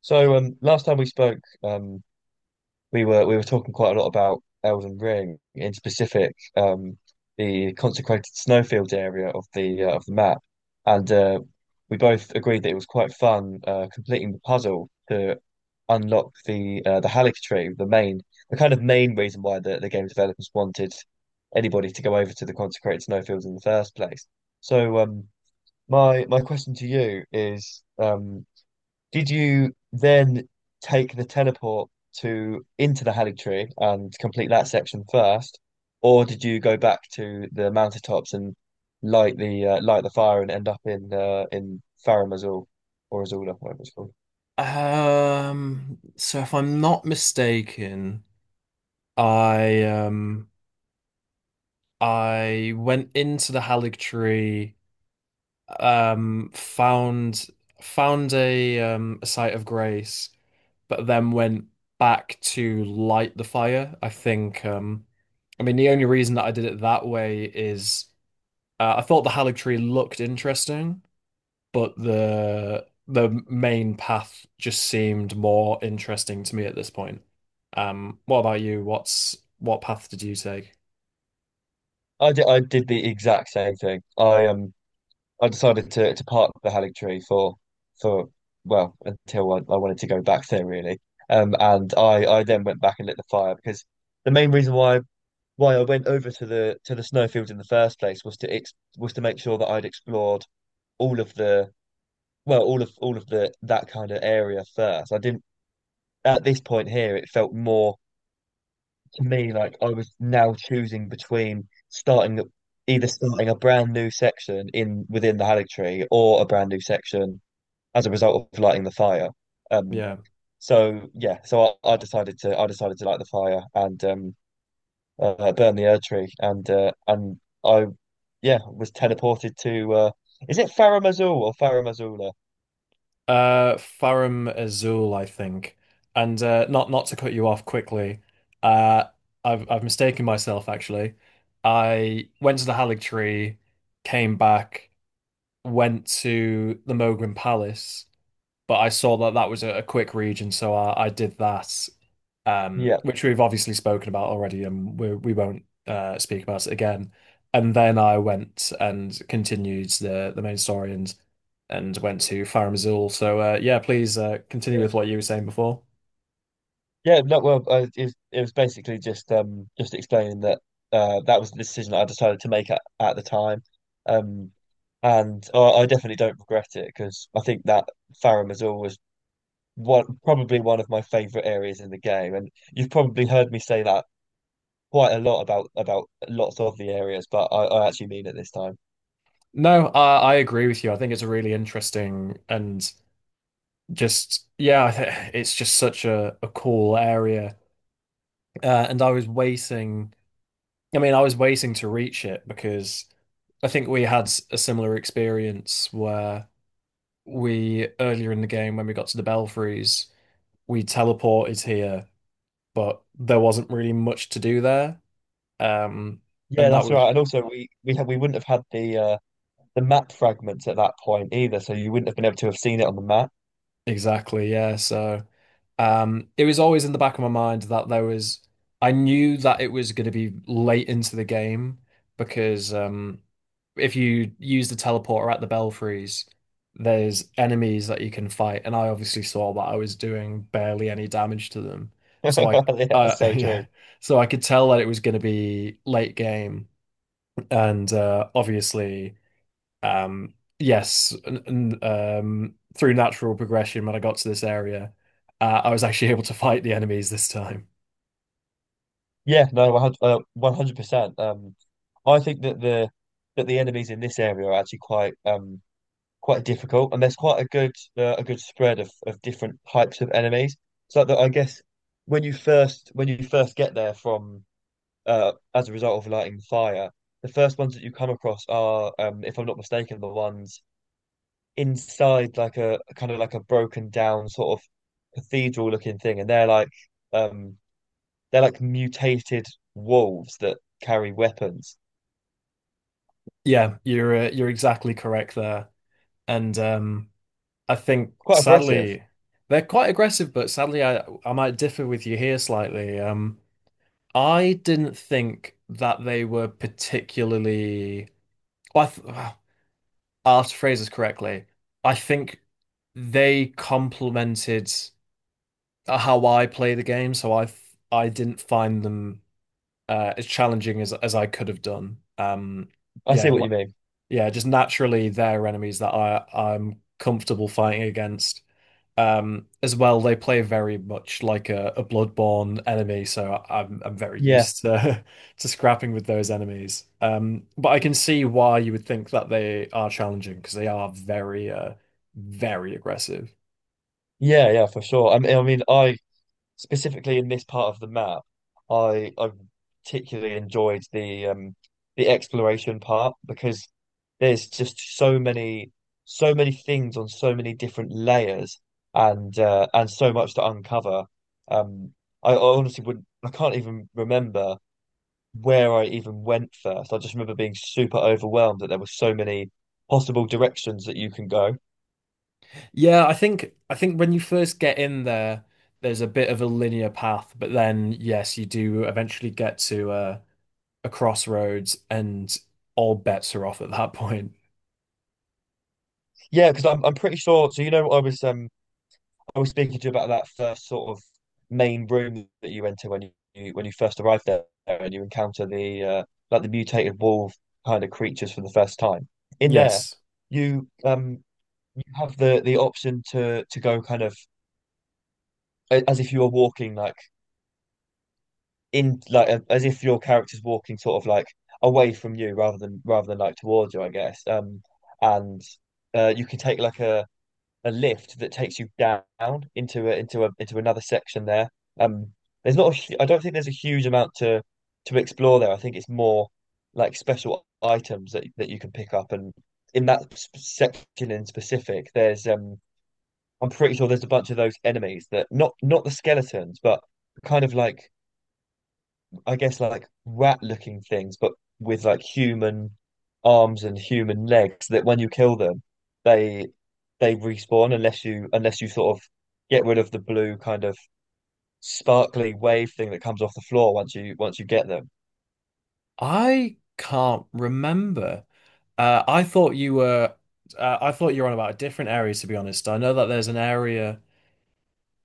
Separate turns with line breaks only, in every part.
So last time we spoke, we were talking quite a lot about Elden Ring, in specific, the consecrated snowfield area of the map, and we both agreed that it was quite fun completing the puzzle to unlock the Halic tree, the main the kind of main reason why the game developers wanted anybody to go over to the consecrated snowfields in the first place. So um, my question to you is. Did you then take the teleport to into the Halik Tree and complete that section first, or did you go back to the mountaintops and light the fire and end up in Farum Azula or Azula, whatever it's called?
So if I'm not mistaken, I um I went into the Hallig Tree, um, found found a site of grace, but then went back to light the fire. I think I mean the only reason that I did it that way is I thought the Hallig Tree looked interesting, but the main path just seemed more interesting to me at this point. What about you? What path did you take?
I did the exact same thing. I I decided to park the Halik Tree for well until I wanted to go back there really. And I then went back and lit the fire because the main reason why I went over to the snowfield in the first place was to ex was to make sure that I'd explored all of the well all of the that kind of area first. I didn't at this point here it felt more to me like I was now choosing between either starting a brand new section in within the Hallig tree or a brand new section as a result of lighting the fire. Um
Yeah.
so yeah, so I decided to light the fire and burn the Erd tree and and I yeah, was teleported to is it Farah Mazul or Farah Mazula?
Farum Azul, I think. And not to cut you off quickly, uh, I've mistaken myself actually. I went to the Halig Tree, came back, went to the Mogrim Palace, but I saw that that was a quick read, and so I did that,
Yeah.
which we've obviously spoken about already, and we won't speak about it again. And then I went and continued the main story and went to Farum Azula. So yeah, please continue
It-
with what you were saying before.
Yeah, no, well, it was basically just explaining that that was the decision that I decided to make at the time. Um I definitely don't regret it because I think that Farah Mazul was one probably one of my favorite areas in the game, and you've probably heard me say that quite a lot about lots of the areas, but I actually mean it this time.
No, I agree with you. I think it's a really interesting and just yeah, it's just such a cool area. And I was waiting I mean, I was waiting to reach it because I think we had a similar experience where we earlier in the game when we got to the Belfries, we teleported here, but there wasn't really much to do there. Um,
Yeah,
and that
that's
was
right. And also we wouldn't have had the map fragments at that point either, so you wouldn't have been able to have seen it on the map.
exactly, yeah. So. It was always in the back of my mind that I knew that it was going to be late into the game because if you use the teleporter at the Belfries, there's enemies that you can fight, and I obviously saw that I was doing barely any damage to them,
Yeah,
so
that's so
yeah,
true.
so I could tell that it was going to be late game, and obviously. Um, yes, and through natural progression, when I got to this area, I was actually able to fight the enemies this time.
Yeah, no, 100, 100%. I think that the enemies in this area are actually quite quite difficult, and there's quite a good spread of different types of enemies. So that I guess when you first get there from as a result of lighting the fire, the first ones that you come across are, if I'm not mistaken, the ones inside like a kind of like a broken down sort of cathedral looking thing, and um they're like mutated wolves that carry weapons.
Yeah, you're exactly correct there, and I think
Quite aggressive.
sadly they're quite aggressive, but sadly I might differ with you here slightly. I didn't think that they were particularly. Well, I th I'll have to phrase this correctly. I think they complemented. Uh, how I play the game, so I didn't find them as challenging as I could have done.
I see
Yeah,
what
li-
you mean.
yeah, just naturally they're enemies that I'm comfortable fighting against. As well, they play very much like a Bloodborne enemy, so I'm very
Yeah,
used to to scrapping with those enemies. But I can see why you would think that they are challenging because they are very aggressive.
yeah, yeah, for sure. I mean, I specifically in this part of the map, I particularly enjoyed the exploration part because there's just so many so many things on so many different layers and so much to uncover. Um, I honestly wouldn't I can't even remember where I even went first. I just remember being super overwhelmed that there were so many possible directions that you can go.
Yeah, I think when you first get in there, there's a bit of a linear path, but then yes, you do eventually get to a crossroads and all bets are off at that point.
Yeah, because I'm pretty sure. So you know, I was speaking to you about that first sort of main room that you enter when you first arrive there and you encounter the like the mutated wolf kind of creatures for the first time. In there,
Yes.
you um you have the option to go kind of as if you were walking like in like as if your character's walking sort of like away from you rather than like towards you, I guess. And you can take like a lift that takes you down into into a into another section there. Um, there's not I don't think there's a huge amount to explore there. I think it's more like special items that that you can pick up, and in that section in specific, there's I'm pretty sure there's a bunch of those enemies that not not the skeletons, but kind of like I guess like rat looking things, but with like human arms and human legs that when you kill them, they they respawn unless you unless you sort of get rid of the blue kind of sparkly wave thing that comes off the floor once you get them.
I can't remember. Uh, I thought you were I thought you were on about a different area to be honest. I know that there's an area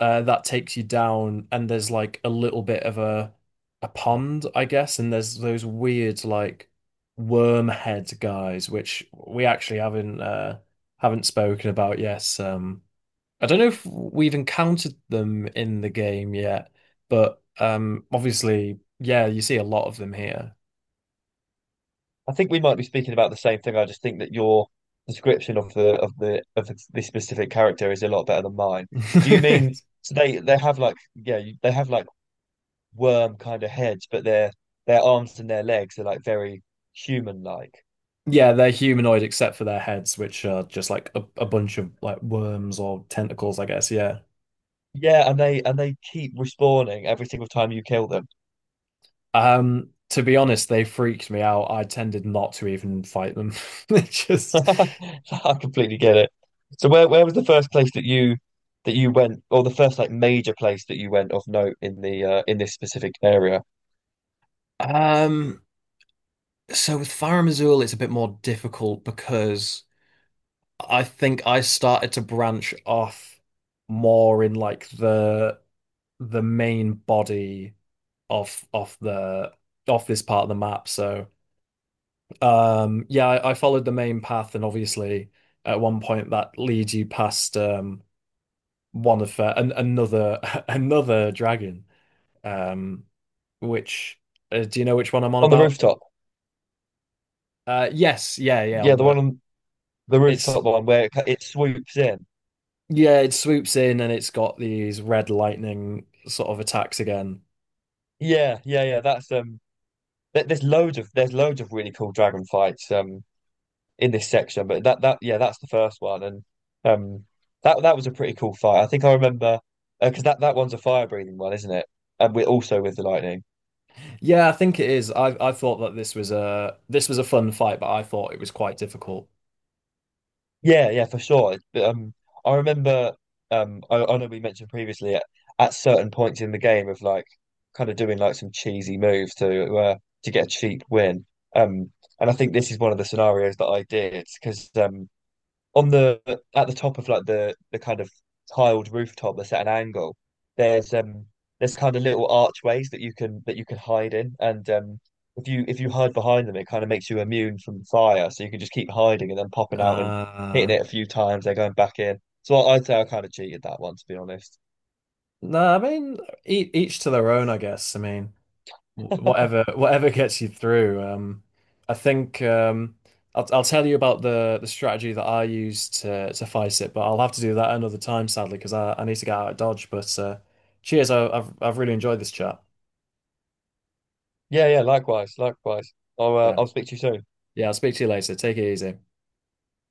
that takes you down and there's like a little bit of a pond, I guess, and there's those weird like worm head guys which we actually haven't spoken about. Yes. I don't know if we've encountered them in the game yet, but obviously, yeah, you see a lot of them here.
I think we might be speaking about the same thing. I just think that your description of the specific character is a lot better than mine. Do you mean so they have like they have like worm kind of heads, but their arms and their legs are like very human like.
Yeah, they're humanoid except for their heads, which are just like a bunch of like worms or tentacles, I guess. Yeah.
Yeah, and they keep respawning every single time you kill them.
To be honest, they freaked me out. I tended not to even fight them. It just
So I completely get it. So where was the first place that you went, or the first like major place that you went of note in the in this specific area?
um, so with Farum Azula, it's a bit more difficult because I think I started to branch off more in like the main body of the of this part of the map. So yeah, I followed the main path and obviously at one point that leads you past another another dragon. Um which Do you know which one I'm on
On the
about?
rooftop.
Yes, yeah, on
Yeah, the
the
one on the rooftop
it's
one where it swoops in.
yeah, it swoops in and it's got these red lightning sort of attacks again.
Yeah, yeah, yeah. That's there's loads of really cool dragon fights. In this section. But that that yeah, that's the first one, and um, that that was a pretty cool fight. I think I remember because that that one's a fire breathing one, isn't it? And we also with the lightning.
Yeah, I think it is. I thought that this was a fun fight, but I thought it was quite difficult.
Yeah, yeah, for sure. But, I remember I know we mentioned previously at certain points in the game of like kind of doing like some cheesy moves to get a cheap win. Um, and I think this is one of the scenarios that I did because on the at the top of like the kind of tiled rooftop that's at an angle, there's um there's kind of little archways that you can hide in, and if you hide behind them, it kind of makes you immune from the fire, so you can just keep hiding and then popping out and hitting
Uh,
it a few times, then going back in. So I'd say I kind of cheated that one, to be honest.
no, I mean each to their own, I guess. I mean wh- whatever whatever gets you through. I think um, I'll tell you about the strategy that I used to fight it, but I'll have to do that another time, sadly, because I need to get out of Dodge. But cheers, I've really enjoyed this chat.
Yeah, yeah, likewise, likewise.
Yeah,
I'll speak to you soon.
yeah. I'll speak to you later. Take it easy.